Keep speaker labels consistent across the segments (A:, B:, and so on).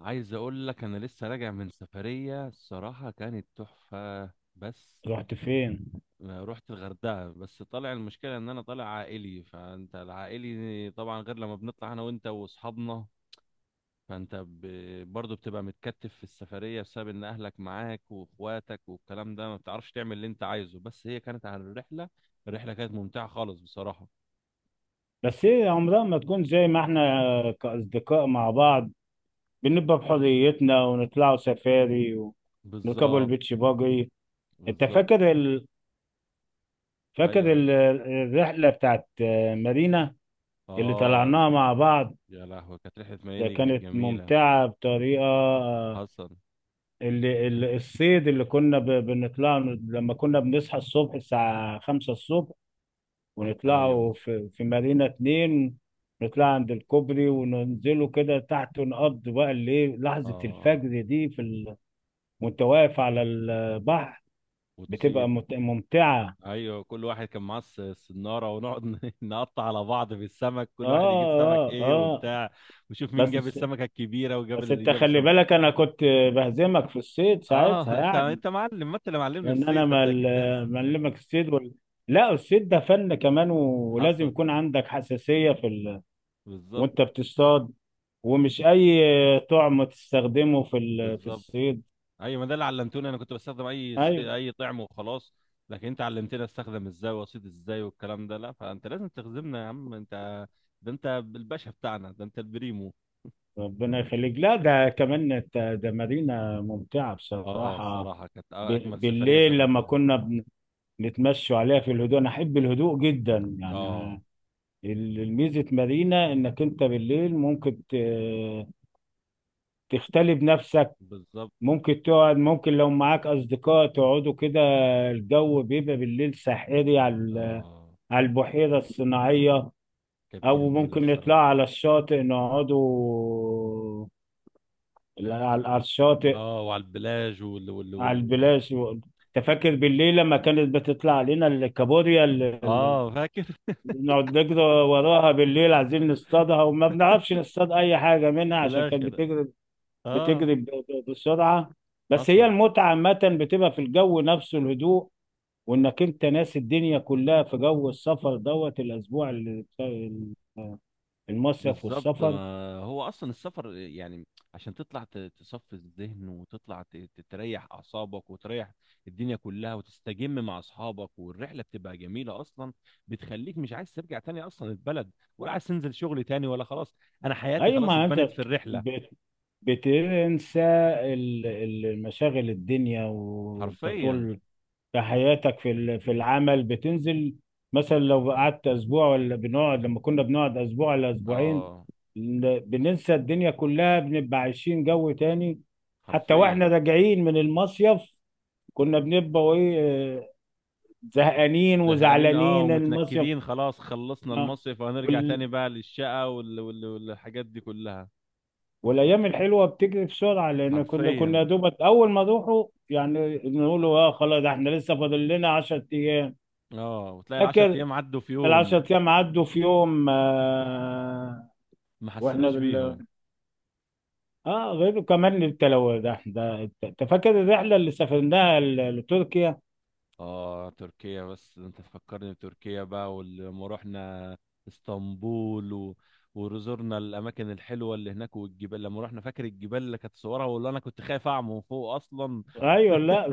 A: عايز اقول لك انا لسه راجع من سفرية. الصراحة كانت تحفة. بس
B: رحت فين؟
A: ما رحت الغردقة. بس طالع، المشكلة ان انا طالع عائلي، فانت العائلي طبعا غير لما بنطلع انا وانت واصحابنا. فانت برضه بتبقى متكتف في السفرية بسبب ان اهلك معاك واخواتك والكلام ده، ما بتعرفش تعمل اللي انت عايزه. بس هي كانت على الرحلة. الرحلة كانت ممتعة خالص بصراحة.
B: بس ايه، عمرها ما تكون زي ما احنا كأصدقاء مع بعض. بنبقى بحريتنا ونطلعوا سفاري ونركبوا
A: بالظبط.
B: البيتش باجي. انت
A: بالظبط.
B: فاكر ال... فاكر
A: ايوه.
B: ال... الرحلة بتاعت مارينا اللي
A: اه.
B: طلعناها مع بعض.
A: يا لهوي، كانت رحلة ميامي
B: ده
A: دي كانت
B: كانت
A: جميلة.
B: ممتعة بطريقة آه،
A: حصل.
B: الصيد اللي كنا بنطلع. لما كنا بنصحى الصبح الساعة 5 الصبح
A: ايوه.
B: ونطلعوا في مارينا 2، نطلع عند الكوبري وننزلوا كده تحت ونقضي بقى الليل لحظة
A: اه.
B: الفجر دي. وانت واقف على البحر،
A: وتصيد.
B: بتبقى ممتعة.
A: ايوه، كل واحد كان معاه السناره ونقعد نقطع على بعض في السمك،
B: اه،
A: كل واحد يجيب سمك
B: اه،
A: ايه
B: اه.
A: وبتاع، وشوف مين جاب
B: بس،
A: السمكه الكبيره وجاب
B: بس،
A: اللي
B: انت
A: جاب
B: خلي
A: السمك.
B: بالك، انا كنت بهزمك في الصيد
A: اه
B: ساعتها
A: انت
B: يعني.
A: انت معلم، ما انت اللي معلمني
B: لان انا
A: الصيد، فانت اكيد
B: معلمك الصيد. لا، الصيد ده فن كمان ولازم
A: حصل.
B: يكون عندك حساسية.
A: بالظبط.
B: وانت بتصطاد، ومش اي طعم تستخدمه في
A: بالظبط.
B: الصيد.
A: ايوه، ما ده اللي علمتوني. انا كنت بستخدم
B: ايوه.
A: اي طعم وخلاص. لكن انت علمتني استخدم ازاي واصيد ازاي والكلام ده. لا فانت لازم تخزمنا يا عم انت. ده انت الباشا بتاعنا، ده انت البريمو.
B: ربنا يخليك. لا، ده كمان ده مدينة ممتعة
A: اه
B: بصراحة.
A: الصراحه كانت اجمل سفريه
B: بالليل لما
A: سافرنا.
B: كنا نتمشوا عليها في الهدوء، انا احب الهدوء جدا يعني.
A: اه
B: الميزة مدينة انك انت بالليل ممكن تختلي بنفسك.
A: بالظبط.
B: ممكن تقعد، ممكن لو معاك اصدقاء تقعدوا كده. الجو بيبقى بالليل ساحري
A: اه
B: على البحيرة الصناعية.
A: كانت
B: او
A: جميلة
B: ممكن نطلع
A: الصراحة.
B: على الشاطئ، نقعدوا على على الشاطئ،
A: اه وعلى البلاج وال وال
B: على
A: وال.
B: البلاش. تفكر بالليل لما كانت بتطلع علينا الكابوريا اللي
A: اه فاكر
B: نقعد نجري وراها بالليل عايزين نصطادها، وما بنعرفش نصطاد اي حاجه منها
A: في
B: عشان كانت
A: الاخر.
B: بتجري،
A: اه.
B: بتجري بسرعه. بس هي
A: حصل.
B: المتعه عامه بتبقى في الجو نفسه، الهدوء، وانك انت ناسي الدنيا كلها في جو السفر دوت الاسبوع بتاع المصيف
A: بالظبط.
B: والسفر.
A: ما هو اصلا السفر يعني عشان تطلع تصفي الذهن، وتطلع تريح اعصابك وتريح الدنيا كلها، وتستجم مع اصحابك والرحله بتبقى جميله اصلا. بتخليك مش عايز ترجع تاني اصلا البلد، ولا عايز تنزل شغل تاني، ولا خلاص انا حياتي
B: اي
A: خلاص
B: ما انت
A: اتبنت في الرحله.
B: بت- بتنسى مشاغل الدنيا، وانت
A: حرفيا.
B: طول في حياتك في العمل بتنزل. مثلا لو قعدت اسبوع، ولا بنقعد، لما كنا بنقعد اسبوع ولا اسبوعين،
A: اه.
B: بننسى الدنيا كلها، بنبقى عايشين جو تاني. حتى واحنا
A: حرفيا.
B: راجعين من المصيف، كنا بنبقى ايه؟ آه، زهقانين
A: زهقانين، اه،
B: وزعلانين المصيف
A: ومتنكدين. خلاص خلصنا
B: آه،
A: المصيف وهنرجع تاني بقى للشقة والحاجات دي كلها.
B: والايام الحلوه بتجري بسرعه، لان كنا
A: حرفيا.
B: يا دوبك اول ما نروحوا يعني نقولوا: اه خلاص، ده احنا لسه فاضل لنا 10 ايام.
A: اه، وتلاقي العشر
B: فاكر
A: ايام عدوا في
B: ال
A: يوم.
B: 10 ايام عدوا في يوم، آه.
A: ما
B: واحنا
A: حسيناش
B: دل...
A: بيهم.
B: اه، غير كمان التلو ده. انت فاكر الرحله اللي سافرناها لتركيا؟
A: اه تركيا، بس انت تفكرني بتركيا بقى. ولما رحنا اسطنبول وزرنا الاماكن الحلوه اللي هناك والجبال، لما رحنا فاكر الجبال اللي كانت صورها، واللي انا كنت خايف اعمى من فوق اصلا.
B: ايوه. لا.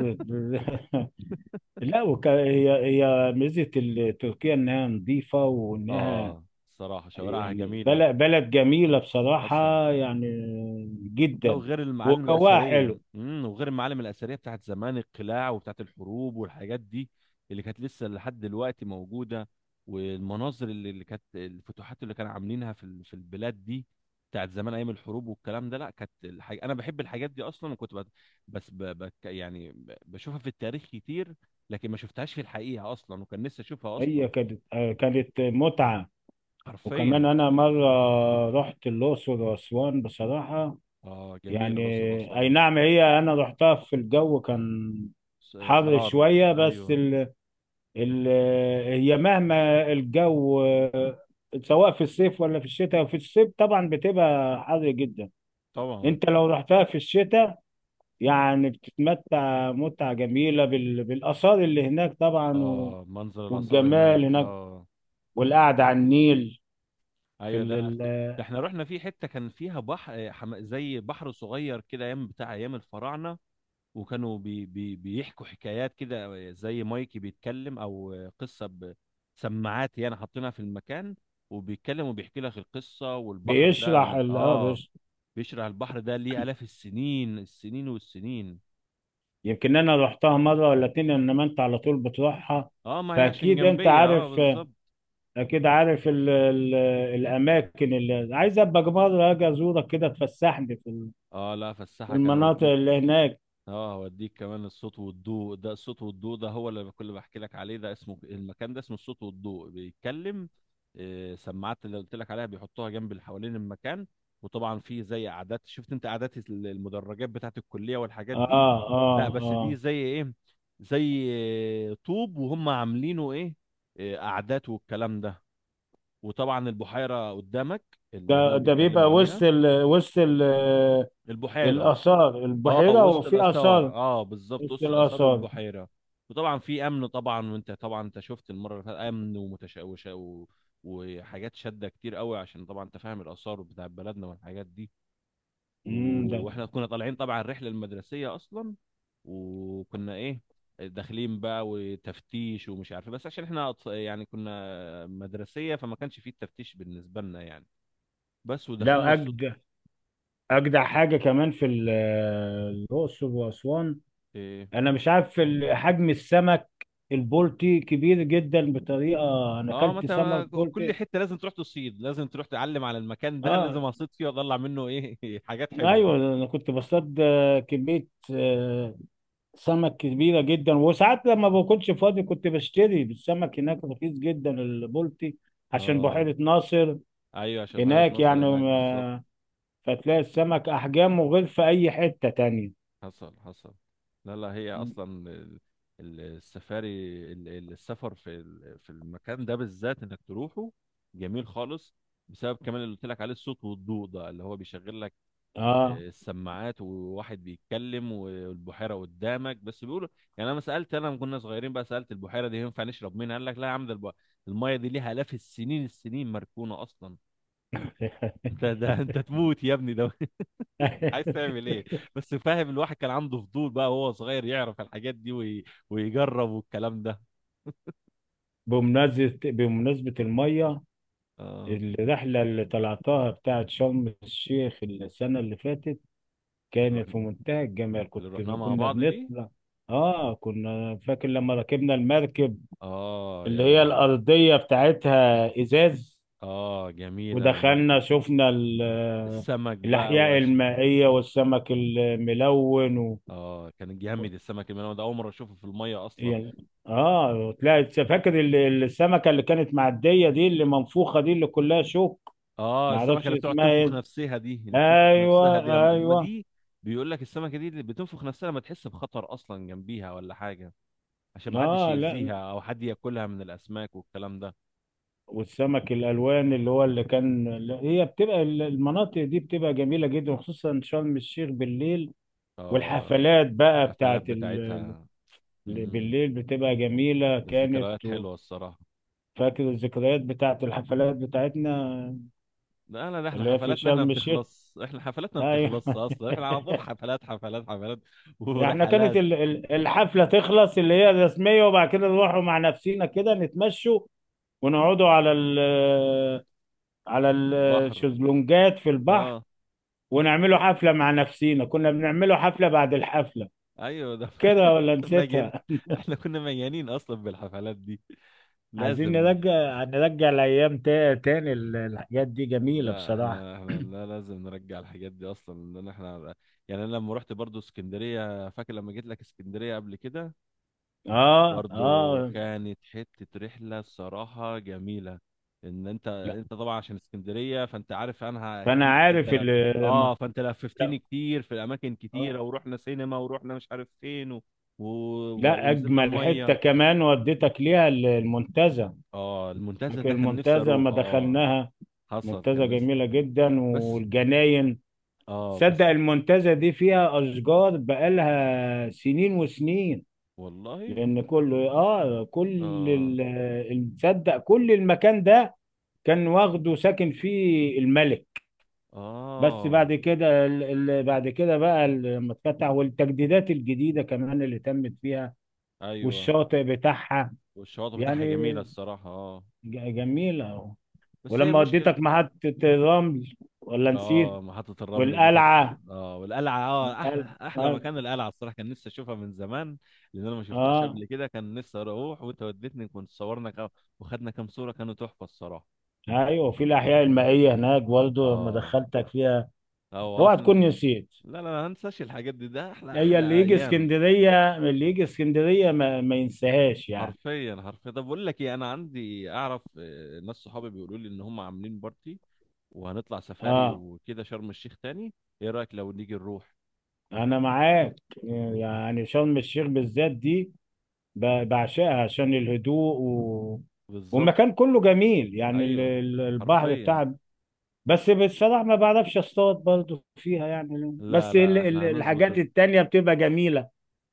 B: لا، هي ميزه تركيا انها نظيفه وانها
A: اه الصراحه شوارعها
B: يعني
A: جميله.
B: بلد جميلة
A: حسن.
B: بصراحة يعني،
A: لا،
B: جدا،
A: وغير المعالم
B: وجواها
A: الأثرية،
B: حلو.
A: وغير المعالم الأثرية بتاعت زمان، القلاع وبتاعت الحروب والحاجات دي اللي كانت لسه لحد دلوقتي موجودة. والمناظر اللي كانت الفتوحات اللي كانوا عاملينها في في البلاد دي، بتاعت زمان أيام الحروب والكلام ده. لا كانت الحاجة، أنا بحب الحاجات دي أصلا، وكنت بس يعني بشوفها في التاريخ كتير، لكن ما شفتهاش في الحقيقة أصلا، وكان نفسي أشوفها أصلا.
B: هي كانت كانت متعة. وكمان
A: حرفيا.
B: أنا مرة رحت الأقصر وأسوان بصراحة
A: آه جميلة
B: يعني.
A: الأقصر
B: أي
A: وأسوان.
B: نعم، هي أنا رحتها في الجو، كان حر
A: حرار،
B: شوية بس
A: أيوه.
B: ال... هي مهما الجو، سواء في الصيف ولا في الشتاء. في الصيف طبعا بتبقى حر جدا.
A: طبعا.
B: انت لو رحتها في الشتاء يعني بتتمتع متعة جميلة بالآثار اللي هناك طبعا
A: اه منظر الآثار هناك،
B: والجمال هناك،
A: اه.
B: والقعدة على النيل في
A: ايوه ده
B: ال...
A: انا
B: ال...
A: عارف ده. احنا رحنا في حتة كان فيها بحر، زي بحر صغير كده، ايام بتاع ايام الفراعنة. وكانوا بيحكوا حكايات كده، آه، زي مايكي بيتكلم او قصة بسماعات، يعني حاطينها في المكان وبيتكلم وبيحكي لك القصة. والبحر ده
B: بيشرح
A: من
B: ال... اه
A: اه
B: بيش...
A: بيشرح، البحر ده ليه آلاف السنين، السنين والسنين.
B: يمكن أنا رحتها مرة ولا اتنين، إنما أنت على طول بتروحها،
A: اه ما هي عشان
B: فأكيد أنت
A: جنبية، اه
B: عارف.
A: بالظبط.
B: أكيد عارف الأماكن اللي عايز أبقى مرة أجي أزورك كده، تفسحني
A: اه لا،
B: في
A: فالساحة كان
B: المناطق
A: اوديني.
B: اللي هناك.
A: اه هوديك كمان الصوت والضوء ده. الصوت والضوء ده هو اللي كل بحكي لك عليه. ده اسمه، المكان ده اسمه الصوت والضوء، بيتكلم آه، سماعات اللي قلت لك عليها بيحطوها جنب اللي حوالين المكان. وطبعا في زي قعدات. شفت انت قعدات المدرجات بتاعت الكلية والحاجات
B: آه،
A: دي. لا
B: آه،
A: بس دي
B: آه.
A: زي ايه، زي آه، طوب. وهم عاملينه ايه، آه، قعدات والكلام ده. وطبعا البحيرة قدامك
B: ده
A: اللي هم
B: ده
A: بيتكلموا
B: بيبقى
A: عليها.
B: وسط
A: البحيرة.
B: الآثار،
A: اه
B: البحيرة
A: وسط
B: وفي
A: الاثار،
B: آثار
A: اه بالظبط،
B: وسط
A: وسط الاثار
B: الآثار
A: والبحيره. وطبعا في امن طبعا، وانت طبعا انت شفت المره اللي فاتت، امن ومتشوشه وحاجات شاده كتير قوي، عشان طبعا انت فاهم الاثار بتاع بلدنا والحاجات دي و...
B: امم ده.
A: واحنا كنا طالعين طبعا الرحله المدرسيه اصلا. وكنا ايه، داخلين بقى وتفتيش ومش عارف إيه. بس عشان احنا يعني كنا مدرسيه فما كانش فيه التفتيش بالنسبه لنا يعني. بس ودخلنا
B: لا،
A: الصوت.
B: أجدع أجدع حاجة كمان الأقصر وأسوان.
A: إيه،
B: أنا مش عارف حجم السمك. البلطي كبير جدا بطريقة أنا
A: اه، ما
B: أكلت
A: انت
B: سمك بلطي.
A: كل حته لازم تروح تصيد، لازم تروح تعلم على المكان ده، لازم
B: آه.
A: اصيد فيه واطلع منه ايه حاجات حلوه.
B: أيوه، أنا كنت بصطاد كمية آه، سمك كبيرة جدا. وساعات لما بكونش فاضي كنت بشتري السمك هناك، رخيص جدا البلطي عشان
A: اه
B: بحيرة ناصر.
A: ايوه عشان بحيره
B: هناك،
A: ناصر
B: يعني،
A: هناك بالظبط.
B: فتلاقي السمك احجامه غير في اي حتة تانية.
A: حصل حصل. لا لا، هي
B: مم.
A: اصلا السفاري، السفر في في المكان ده بالذات انك تروحه، جميل خالص بسبب كمان اللي قلت لك عليه الصوت والضوء ده، اللي هو بيشغل
B: اه.
A: السماعات وواحد بيتكلم والبحيره قدامك بس بيقولوا. يعني انا ما سالت، انا لما كنا صغيرين بقى سالت البحيره دي ينفع نشرب منها. قال لك لا يا عم، ده الميه دي ليها الاف السنين، السنين مركونه اصلا. انت ده انت تموت يا ابني ده عايز تعمل ايه. بس فاهم، الواحد كان عنده فضول بقى وهو صغير يعرف الحاجات دي، ويجرب والكلام ده.
B: بمناسبة المية.
A: اه.
B: الرحلة اللي طلعتها بتاعت شرم الشيخ السنة اللي فاتت كانت
A: رحنا.
B: في منتهى الجمال.
A: اللي رحناه مع
B: كنا
A: بعض دي.
B: بنطلع. اه. كنا فاكر لما ركبنا المركب
A: اه
B: اللي
A: يا
B: هي
A: لهوي.
B: الأرضية بتاعتها إزاز،
A: اه جميله
B: ودخلنا،
A: المركب.
B: شفنا
A: السمك بقى.
B: الأحياء المائية والسمك الملون.
A: اه كان جامد السمك الملون ده، اول مره اشوفه في الميه اصلا.
B: يعني، اه تلاقي، فاكر السمكه اللي كانت معديه دي، اللي منفوخه دي، اللي كلها شوك.
A: اه
B: ما
A: السمكه
B: اعرفش
A: اللي بتقعد
B: اسمها
A: تنفخ
B: ايه؟
A: نفسها دي، اللي بتنفخ نفسها دي
B: ايوه،
A: لما ما
B: ايوه.
A: دي. بيقول لك السمكه دي اللي بتنفخ نفسها لما تحس بخطر اصلا جنبيها ولا حاجه، عشان ما حدش
B: اه. لا.
A: يأذيها او حد ياكلها من الاسماك والكلام ده.
B: والسمك الالوان اللي هو اللي كان، لا، هي بتبقى المناطق دي بتبقى جميله جدا، خصوصا شرم الشيخ بالليل.
A: اه
B: والحفلات بقى
A: الحفلات
B: بتاعت
A: بتاعتها.
B: اللي
A: امم
B: بالليل بتبقى جميله، كانت
A: الذكريات
B: و-
A: حلوه الصراحه.
B: فاكر الذكريات بتاعت الحفلات بتاعتنا
A: لا لا، ده احنا
B: اللي هي في
A: حفلاتنا، احنا ما
B: شرم الشيخ.
A: بتخلص، احنا حفلاتنا ما
B: ايوه.
A: بتخلص اصلا، احنا على طول حفلات حفلات حفلات
B: يعني احنا كانت
A: ورحلات.
B: الحفلة تخلص، اللي هي الرسمية، وبعد كده نروحوا مع نفسينا كده، نتمشوا ونقعدوا على
A: بحر.
B: الشезلونجات في البحر،
A: اه
B: ونعملوا حفلة مع نفسينا، كنا بنعملوا حفلة بعد الحفلة
A: ايوه ده
B: كده، ولا
A: مجان.
B: نسيتها؟
A: احنا كنا مجانين اصلا بالحفلات دي.
B: عايزين
A: لازم.
B: نرجع الأيام تاني، الحاجات دي جميلة
A: لا
B: بصراحة.
A: احنا لا لازم نرجع الحاجات دي اصلا، لان احنا يعني، انا لما رحت برضو اسكندريه، فاكر لما جيت لك اسكندريه قبل كده.
B: اه،
A: برضو
B: اه.
A: كانت حته رحله الصراحه جميله. ان انت
B: لا،
A: انت طبعا عشان اسكندريه، فانت عارف عنها
B: فأنا
A: كتير، فانت
B: عارف
A: لف.
B: اللي لما.
A: اه فانت لففتني
B: لا.
A: كتير في اماكن كتيره،
B: آه.
A: ورحنا سينما ورحنا مش عارف فين و...
B: لا،
A: ونزلنا
B: أجمل حتة
A: الميه.
B: كمان وديتك ليها المنتزه،
A: اه المنتزه
B: لكن
A: ده كان نفسي
B: المنتزه
A: اروح
B: ما
A: اه.
B: دخلناها.
A: حصل كان
B: منتزه
A: ناس.
B: جميله جدا
A: بس.
B: والجناين.
A: اه
B: تصدق
A: بس.
B: المنتزه دي فيها اشجار بقالها سنين وسنين.
A: والله.
B: لان كل اه كل
A: اه.
B: ال- تصدق كل المكان ده كان واخده، ساكن فيه الملك. بس
A: اه.
B: بعد كده بقى لما اتفتح والتجديدات الجديده كمان اللي تمت فيها،
A: ايوه
B: والشاطئ بتاعها
A: والشواطئ بتاعها
B: يعني
A: جميله الصراحه اه.
B: جميله.
A: بس هي
B: ولما
A: المشكله.
B: وديتك محطة الرمل، ولا نسيت؟
A: اه محطه الرمل دي كانت.
B: والقلعة.
A: اه والقلعه، اه
B: القلعة.
A: احلى احلى
B: اه.
A: مكان القلعه الصراحه. كان نفسي اشوفها من زمان، لان انا ما شفتهاش
B: آه.
A: قبل كده، كان نفسي اروح. وانت وديتني، كنت صورنا كام وخدنا كام صوره، كانوا تحفه الصراحه.
B: ايوه. وفي الاحياء المائية هناك برضه لما
A: اه.
B: دخلتك فيها،
A: اه
B: اوعى
A: وقفنا
B: تكون نسيت.
A: لا لا لا ما انساش الحاجات دي، ده احلى
B: هي
A: احلى
B: اللي يجي
A: ايام.
B: اسكندرية، اللي يجي اسكندرية ما ينساهاش يعني.
A: حرفيا حرفيا. طب بقول لك ايه، انا عندي، اعرف آه، ناس صحابي بيقولوا لي ان هم عاملين بارتي وهنطلع سفاري
B: اه.
A: وكده شرم الشيخ تاني. ايه رايك لو نيجي نروح.
B: انا معاك. يعني شرم الشيخ بالذات دي بعشقها عشان الهدوء
A: بالظبط.
B: والمكان كله جميل يعني،
A: ايوه.
B: البحر
A: حرفيا.
B: بتاعها. بس بصراحة ما بعرفش اصطاد برضو فيها يعني،
A: لا
B: بس
A: لا احنا هنظبط
B: الحاجات التانية بتبقى جميلة.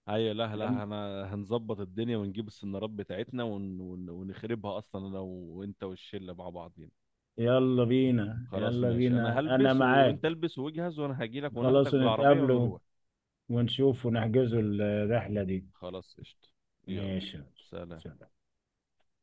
A: ايوه لا لا انا هنظبط الدنيا ونجيب السنارات بتاعتنا ونخربها اصلا انا وانت والشله مع بعضين.
B: يلا بينا،
A: خلاص
B: يلا
A: ماشي، انا
B: بينا، انا
A: هلبس
B: معاك.
A: وانت البس واجهز، وانا هجيلك وناخدك
B: خلاص،
A: بالعربيه
B: نتقابل
A: ونروح.
B: ونشوف ونحجزوا الرحلة دي.
A: خلاص قشطه. يلا.
B: ماشي.
A: سلام.